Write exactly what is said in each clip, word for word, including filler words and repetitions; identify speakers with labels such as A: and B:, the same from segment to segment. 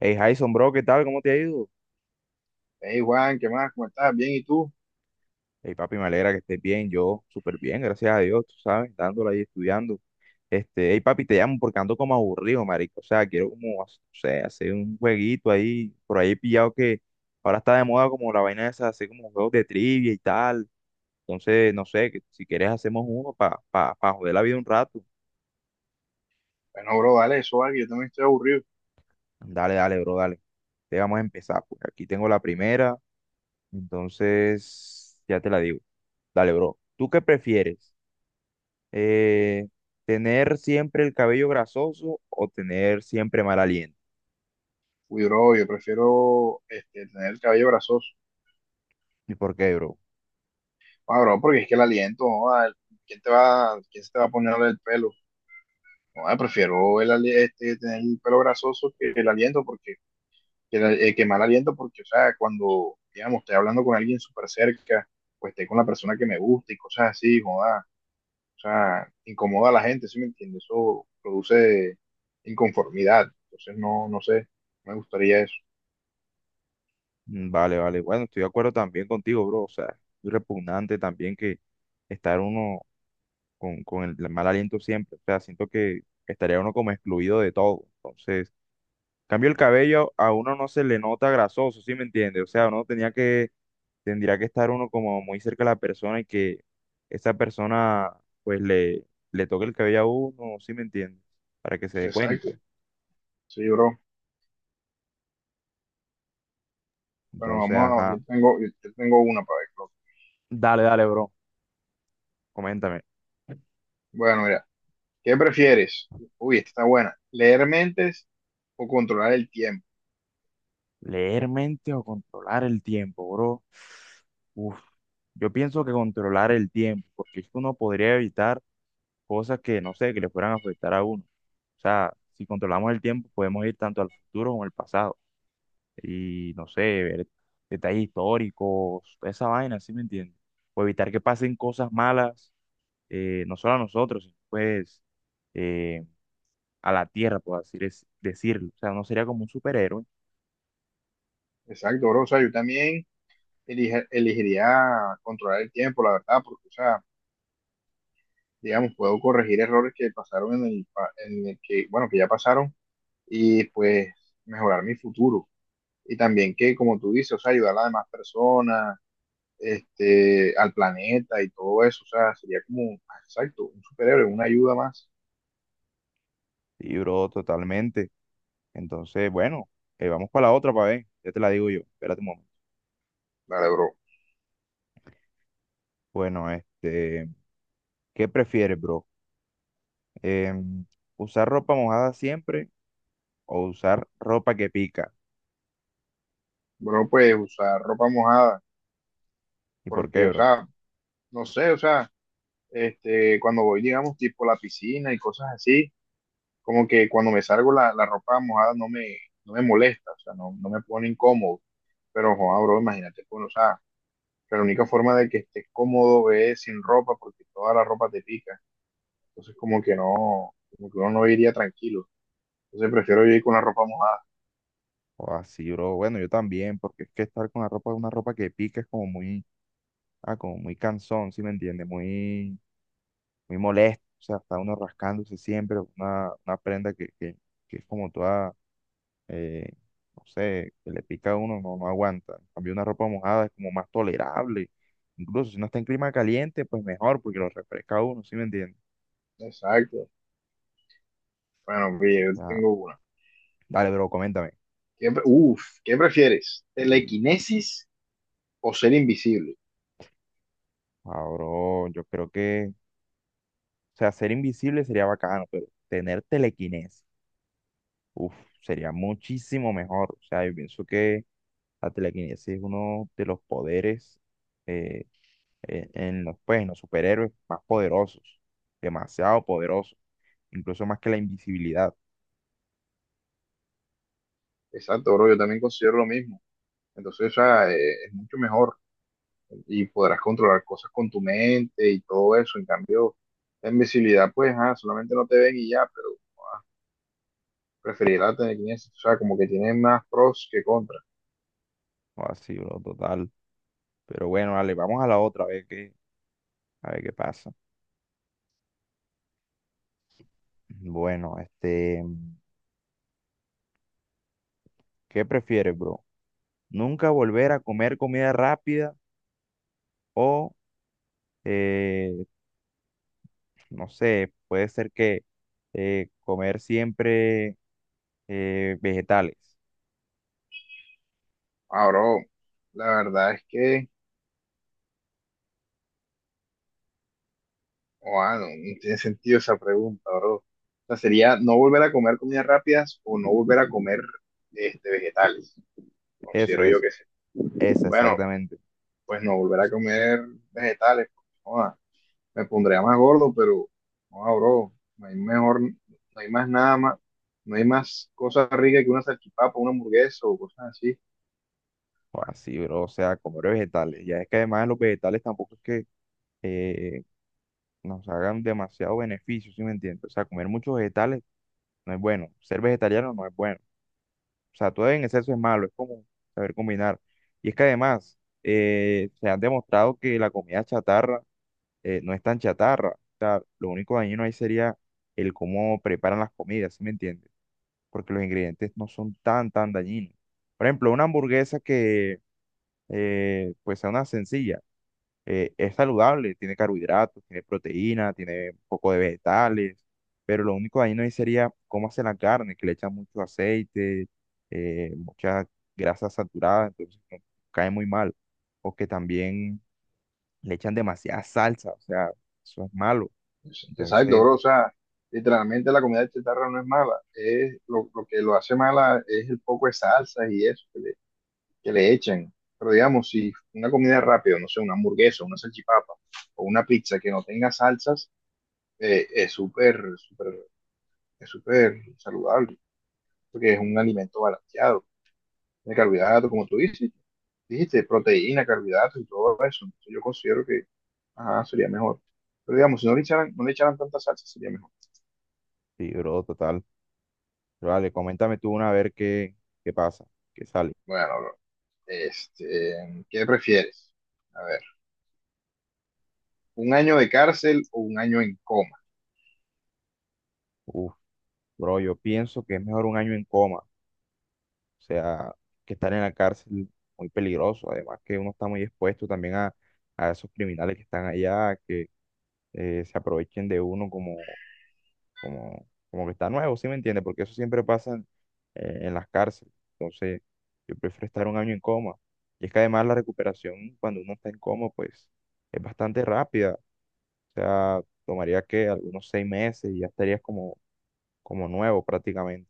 A: Hey, Jason, bro, ¿qué tal? ¿Cómo te ha ido?
B: Hey Juan, ¿qué más? ¿Cómo estás? Bien, ¿y tú?
A: Hey, papi, me alegra que estés bien. Yo, súper bien, gracias a Dios, tú sabes, dándole ahí estudiando. Este, hey, papi, te llamo porque ando como aburrido, marico. O sea, quiero como, no sé, hacer un jueguito ahí, por ahí pillado que ahora está de moda como la vaina esa, hacer como juegos de trivia y tal. Entonces, no sé, que si quieres hacemos uno para pa, pa pa joder la vida un rato.
B: Bueno, bro, dale eso, vale, que yo también estoy aburrido.
A: Dale, dale, bro, dale. Te vamos a empezar, pues aquí tengo la primera, entonces ya te la digo. Dale, bro. ¿Tú qué prefieres? eh, Tener siempre el cabello grasoso o tener siempre mal aliento.
B: Uy, bro, yo prefiero este, tener el cabello grasoso.
A: ¿Y por qué, bro?
B: Ah, bro, porque es que el aliento, joda, ¿quién te va, ¿quién se te va a poner el pelo? No, prefiero el, ali- este, tener el pelo grasoso que el aliento, porque que, el, eh, que mal aliento, porque, o sea, cuando, digamos, estoy hablando con alguien súper cerca, pues estoy con la persona que me gusta y cosas así, joda. O sea, incomoda a la gente, ¿sí me entiendes? Eso produce inconformidad. Entonces, no, no sé, me gustaría eso.
A: Mm, vale, vale. Bueno, estoy de acuerdo también contigo, bro. O sea, es repugnante también que estar uno con, con el mal aliento siempre. O sea, siento que estaría uno como excluido de todo. Entonces, en cambio el cabello, a uno no se le nota grasoso, ¿sí me entiendes? O sea, uno tenía que tendría que estar uno como muy cerca de la persona y que esa persona pues le, le toque el cabello a uno, ¿sí me entiendes? Para que se dé
B: Exacto.
A: cuenta.
B: Sí, bro. Bueno,
A: Entonces,
B: vamos a,
A: ajá.
B: yo tengo, yo yo tengo una para ver, creo.
A: Dale, dale, bro. Coméntame.
B: Bueno, mira, ¿qué prefieres? Uy, esta está buena. ¿Leer mentes o controlar el tiempo?
A: ¿Leer mente o controlar el tiempo, bro? Uf, yo pienso que controlar el tiempo, porque es que uno podría evitar cosas que, no sé, que le fueran a afectar a uno. O sea, si controlamos el tiempo, podemos ir tanto al futuro como al pasado. Y no sé, ver detalles históricos, toda esa vaina, ¿sí me entiendes? O evitar que pasen cosas malas, eh, no solo a nosotros, sino pues eh, a la tierra, por así dec- decirlo. O sea, no sería como un superhéroe.
B: Exacto, bro. O sea, yo también elige- elegiría controlar el tiempo, la verdad, porque, o sea, digamos, puedo corregir errores que pasaron en el, pa- en el que, bueno, que ya pasaron y pues mejorar mi futuro. Y también que, como tú dices, o sea, ayudar a las demás personas, este, al planeta y todo eso. O sea, sería como, exacto, un superhéroe, una ayuda más.
A: Sí, bro, totalmente. Entonces, bueno, eh, vamos para la otra, para ver. Ya te la digo yo. Espérate un momento.
B: Vale, bro.
A: Bueno, este, ¿qué prefieres, bro? Em, ¿Usar ropa mojada siempre o usar ropa que pica?
B: Bro, pues usar ropa mojada,
A: ¿Y por qué,
B: porque, o
A: bro?
B: sea, no sé, o sea, este, cuando voy, digamos, tipo a la piscina y cosas así, como que cuando me salgo la, la ropa mojada no me, no me molesta. O sea, no, no me pone incómodo, pero, joder, bro, imagínate, pues, o sea, que la única forma de que estés cómodo es sin ropa, porque toda la ropa te pica. Entonces como que no, como que uno no iría tranquilo. Entonces prefiero yo ir con la ropa mojada.
A: O así, bro. Bueno, yo también, porque es que estar con la ropa, una ropa que pica es como muy, ah, como muy cansón, ¿sí me entiendes? Muy, muy molesto. O sea, está uno rascándose siempre, una, una prenda que, que, que es como toda, eh, no sé, que le pica a uno, no, no aguanta. En cambio, una ropa mojada es como más tolerable. Incluso si no está en clima caliente, pues mejor, porque lo refresca a uno, ¿sí me entiendes?
B: Exacto. Bueno, pille,
A: O
B: yo
A: sea,
B: tengo una.
A: dale, bro, coméntame.
B: ¿Qué, pre- uf, ¿qué prefieres?
A: Uy,
B: ¿Telequinesis o ser invisible?
A: ah, bro, yo creo que, o sea, ser invisible sería bacano, pero tener telequinesis. Uf, sería muchísimo mejor. O sea, yo pienso que la telequinesis es uno de los poderes eh, eh, en los, pues, en los superhéroes más poderosos, demasiado poderosos, incluso más que la invisibilidad.
B: Exacto, bro, yo también considero lo mismo. Entonces, o sea, eh, es mucho mejor y podrás controlar cosas con tu mente y todo eso. En cambio, la invisibilidad, pues, ah, solamente no te ven y ya, pero preferir la telequinesis. O sea, como que tiene más pros que contras.
A: O así, bro, total. Pero bueno, dale, vamos a la otra, a ver qué, a ver qué pasa. Bueno, este, ¿qué prefieres, bro? ¿Nunca volver a comer comida rápida o, eh, no sé, puede ser que eh, comer siempre eh, vegetales?
B: Ah, bro, la verdad es que... Guau, no, no tiene sentido esa pregunta, bro. O sea, sería no volver a comer comidas rápidas o no volver a comer este, vegetales.
A: Eso
B: Considero yo
A: es,
B: que sí.
A: esa
B: Bueno,
A: exactamente.
B: pues no volver a comer vegetales. Pues, joda, me pondría más gordo, pero joda, bro, no hay mejor, no hay más nada más, no hay más cosas ricas que una salchipapa, una hamburguesa o cosas así.
A: Así, bro, o sea, comer vegetales. Ya es que además los vegetales tampoco es que eh, nos hagan demasiado beneficio, ¿sí me entiendes? O sea, comer muchos vegetales no es bueno. Ser vegetariano no es bueno. O sea, todo en exceso es malo, es como saber combinar. Y es que además eh, se han demostrado que la comida chatarra eh, no es tan chatarra. O sea, lo único dañino ahí sería el cómo preparan las comidas, ¿sí me entiendes? Porque los ingredientes no son tan, tan dañinos. Por ejemplo, una hamburguesa que eh, pues sea una sencilla, eh, es saludable, tiene carbohidratos, tiene proteína, tiene un poco de vegetales, pero lo único dañino ahí sería cómo hace la carne, que le echan mucho aceite, eh, mucha grasa saturada, entonces no- cae muy mal. O que también le echan demasiada salsa, o sea, eso es malo.
B: Es- Exacto,
A: Entonces,
B: bro. O sea, literalmente la comida de chatarra no es mala. Es lo, lo que lo hace mala es el poco de salsas y eso que le echan. Pero digamos, si una comida rápida, no sé, una hamburguesa, una salchipapa o una pizza que no tenga salsas, eh, es súper, súper, es súper saludable, porque es un alimento balanceado de carbohidratos, como tú dices, dijiste, proteína, carbohidratos y todo eso. Entonces yo considero que ajá, sería mejor. Pero digamos, si no le echaran, no le echaran tanta salsa, sería mejor.
A: sí, bro, total. Vale, coméntame tú una a ver qué, qué pasa.
B: Bueno, bro, este, ¿qué prefieres? A ver, ¿un año de cárcel o un año en coma?
A: Uf. Bro, yo pienso que es mejor un año en coma, o sea, que estar en la cárcel muy peligroso, además que uno está muy expuesto también a, a esos criminales que están allá, que eh, se aprovechen de uno como, como, como que está nuevo, ¿sí me entiende? Porque eso siempre pasa en, eh, en las cárceles, entonces yo prefiero estar un año en coma. Y es que además la recuperación cuando uno está en coma, pues es bastante rápida, o sea, tomaría que algunos seis meses y ya estarías como, como nuevo prácticamente.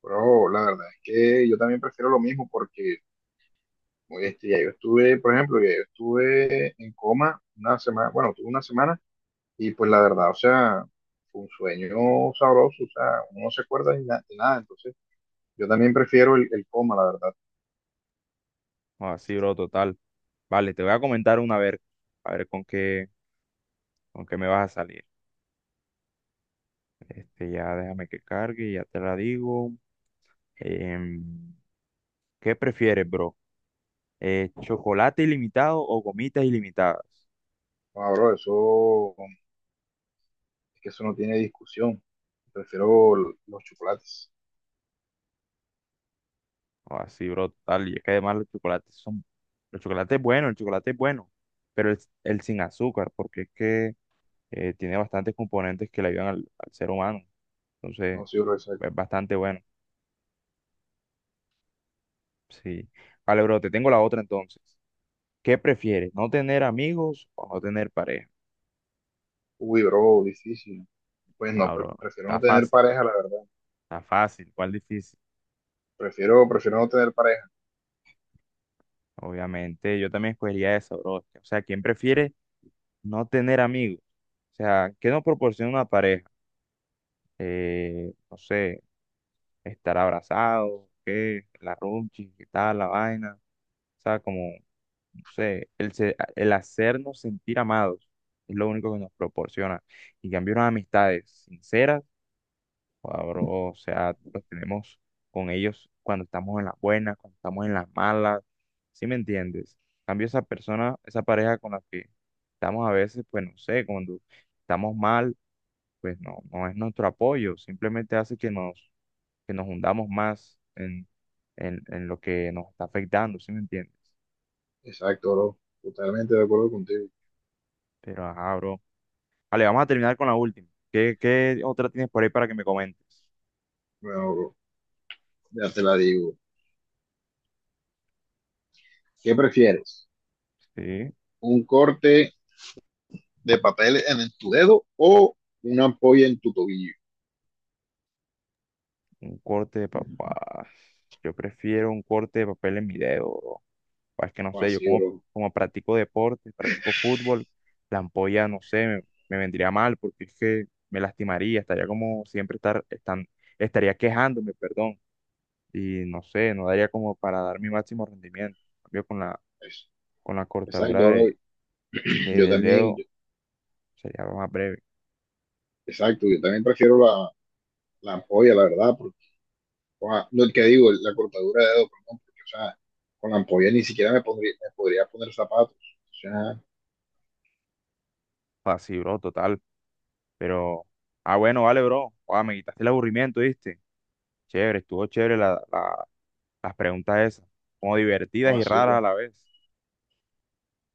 B: Pero la verdad es que yo también prefiero lo mismo porque oye, este bestia. Yo estuve, por ejemplo, ya yo estuve en coma una semana, bueno, tuve una semana y pues la verdad, o sea, fue un sueño sabroso. O sea, uno no se acuerda de, na- de nada, entonces yo también prefiero el, el coma, la verdad.
A: Así, bro, total. Vale, te voy a comentar una vez, a ver con qué, con qué me vas a salir. Este, ya déjame que cargue, ya te la digo. Em, ¿Qué prefieres, bro? Eh, ¿chocolate ilimitado o gomitas ilimitadas?
B: No, bro, eso, es que eso no tiene discusión. Prefiero l- los chocolates.
A: Así, bro, total. Y es que además los chocolates son, los chocolates bueno el chocolate es bueno, pero el, el sin azúcar, porque es que eh, tiene bastantes componentes que le ayudan al, al ser humano. Entonces,
B: No, sí, bro, eso es-
A: es bastante bueno. Sí. Vale, bro, te tengo la otra entonces. ¿Qué prefieres? ¿No tener amigos o no tener pareja?
B: uy, bro, difícil. Pues
A: Ah,
B: no, pre-
A: bro,
B: prefiero
A: está
B: no tener
A: fácil,
B: pareja, la verdad.
A: está fácil, ¿cuál difícil?
B: Prefiero, prefiero no tener pareja.
A: Obviamente, yo también escogería eso, bro. O sea, ¿quién prefiere no tener amigos? O sea, ¿qué nos proporciona una pareja? Eh, no sé, estar abrazado, ¿qué? La runchi, ¿qué tal? La vaina. O sea, como, no sé, el, se- el hacernos sentir amados es lo único que nos proporciona. Y en cambio, unas amistades sinceras. Joda, bro, o sea, los tenemos con ellos cuando estamos en las buenas, cuando estamos en las malas, ¿sí me entiendes? En cambio, esa persona, esa pareja con la que estamos a veces, pues no sé, cuando estamos mal, pues no, no es nuestro apoyo, simplemente hace que nos, que nos hundamos más en, en, en lo que nos está afectando, ¿sí me entiendes?
B: Exacto, bro. Totalmente de acuerdo contigo.
A: Pero, ajá, bro. Vale, vamos a terminar con la última. ¿Qué, qué otra tienes por ahí para que me comentes?
B: Bueno, bro, ya te la digo. ¿Qué prefieres?
A: Sí.
B: Un corte de papel en tu dedo o una ampolla en tu tobillo.
A: Un corte de papá. Yo prefiero un corte de papel en mi dedo, bro. Pa, Es que no
B: O
A: sé, yo
B: así,
A: como,
B: bro.
A: como practico deporte, practico fútbol, la ampolla, no sé, me, me vendría mal porque es que me lastimaría, estaría como siempre estar, están, estaría quejándome, perdón. Y no sé, no daría como para dar mi máximo rendimiento. En cambio, con la,
B: Eso.
A: con la cortadura
B: Exacto, bro.
A: de, de-
B: Yo
A: del
B: también,
A: dedo
B: yo-
A: sería algo más breve.
B: exacto, yo también prefiero la, la ampolla, la verdad, porque, o sea, no el que digo, la cortadura de dedo, perdón, porque, o sea, con la ampolla ni siquiera me pondría, me podría poner zapatos. O sea,
A: Así, bro, total. Pero, ah, bueno, vale, bro. Ah, me quitaste el aburrimiento, ¿viste? Chévere, estuvo chévere la, la las preguntas esas, como
B: o
A: divertidas y
B: así,
A: raras a
B: bro.
A: la vez.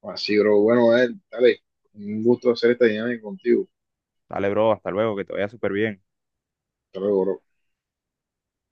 B: O así, bro. Bueno, eh, dale, un gusto hacer esta dinámica contigo.
A: Dale, bro, hasta luego, que te vaya súper bien.
B: Hasta luego, bro.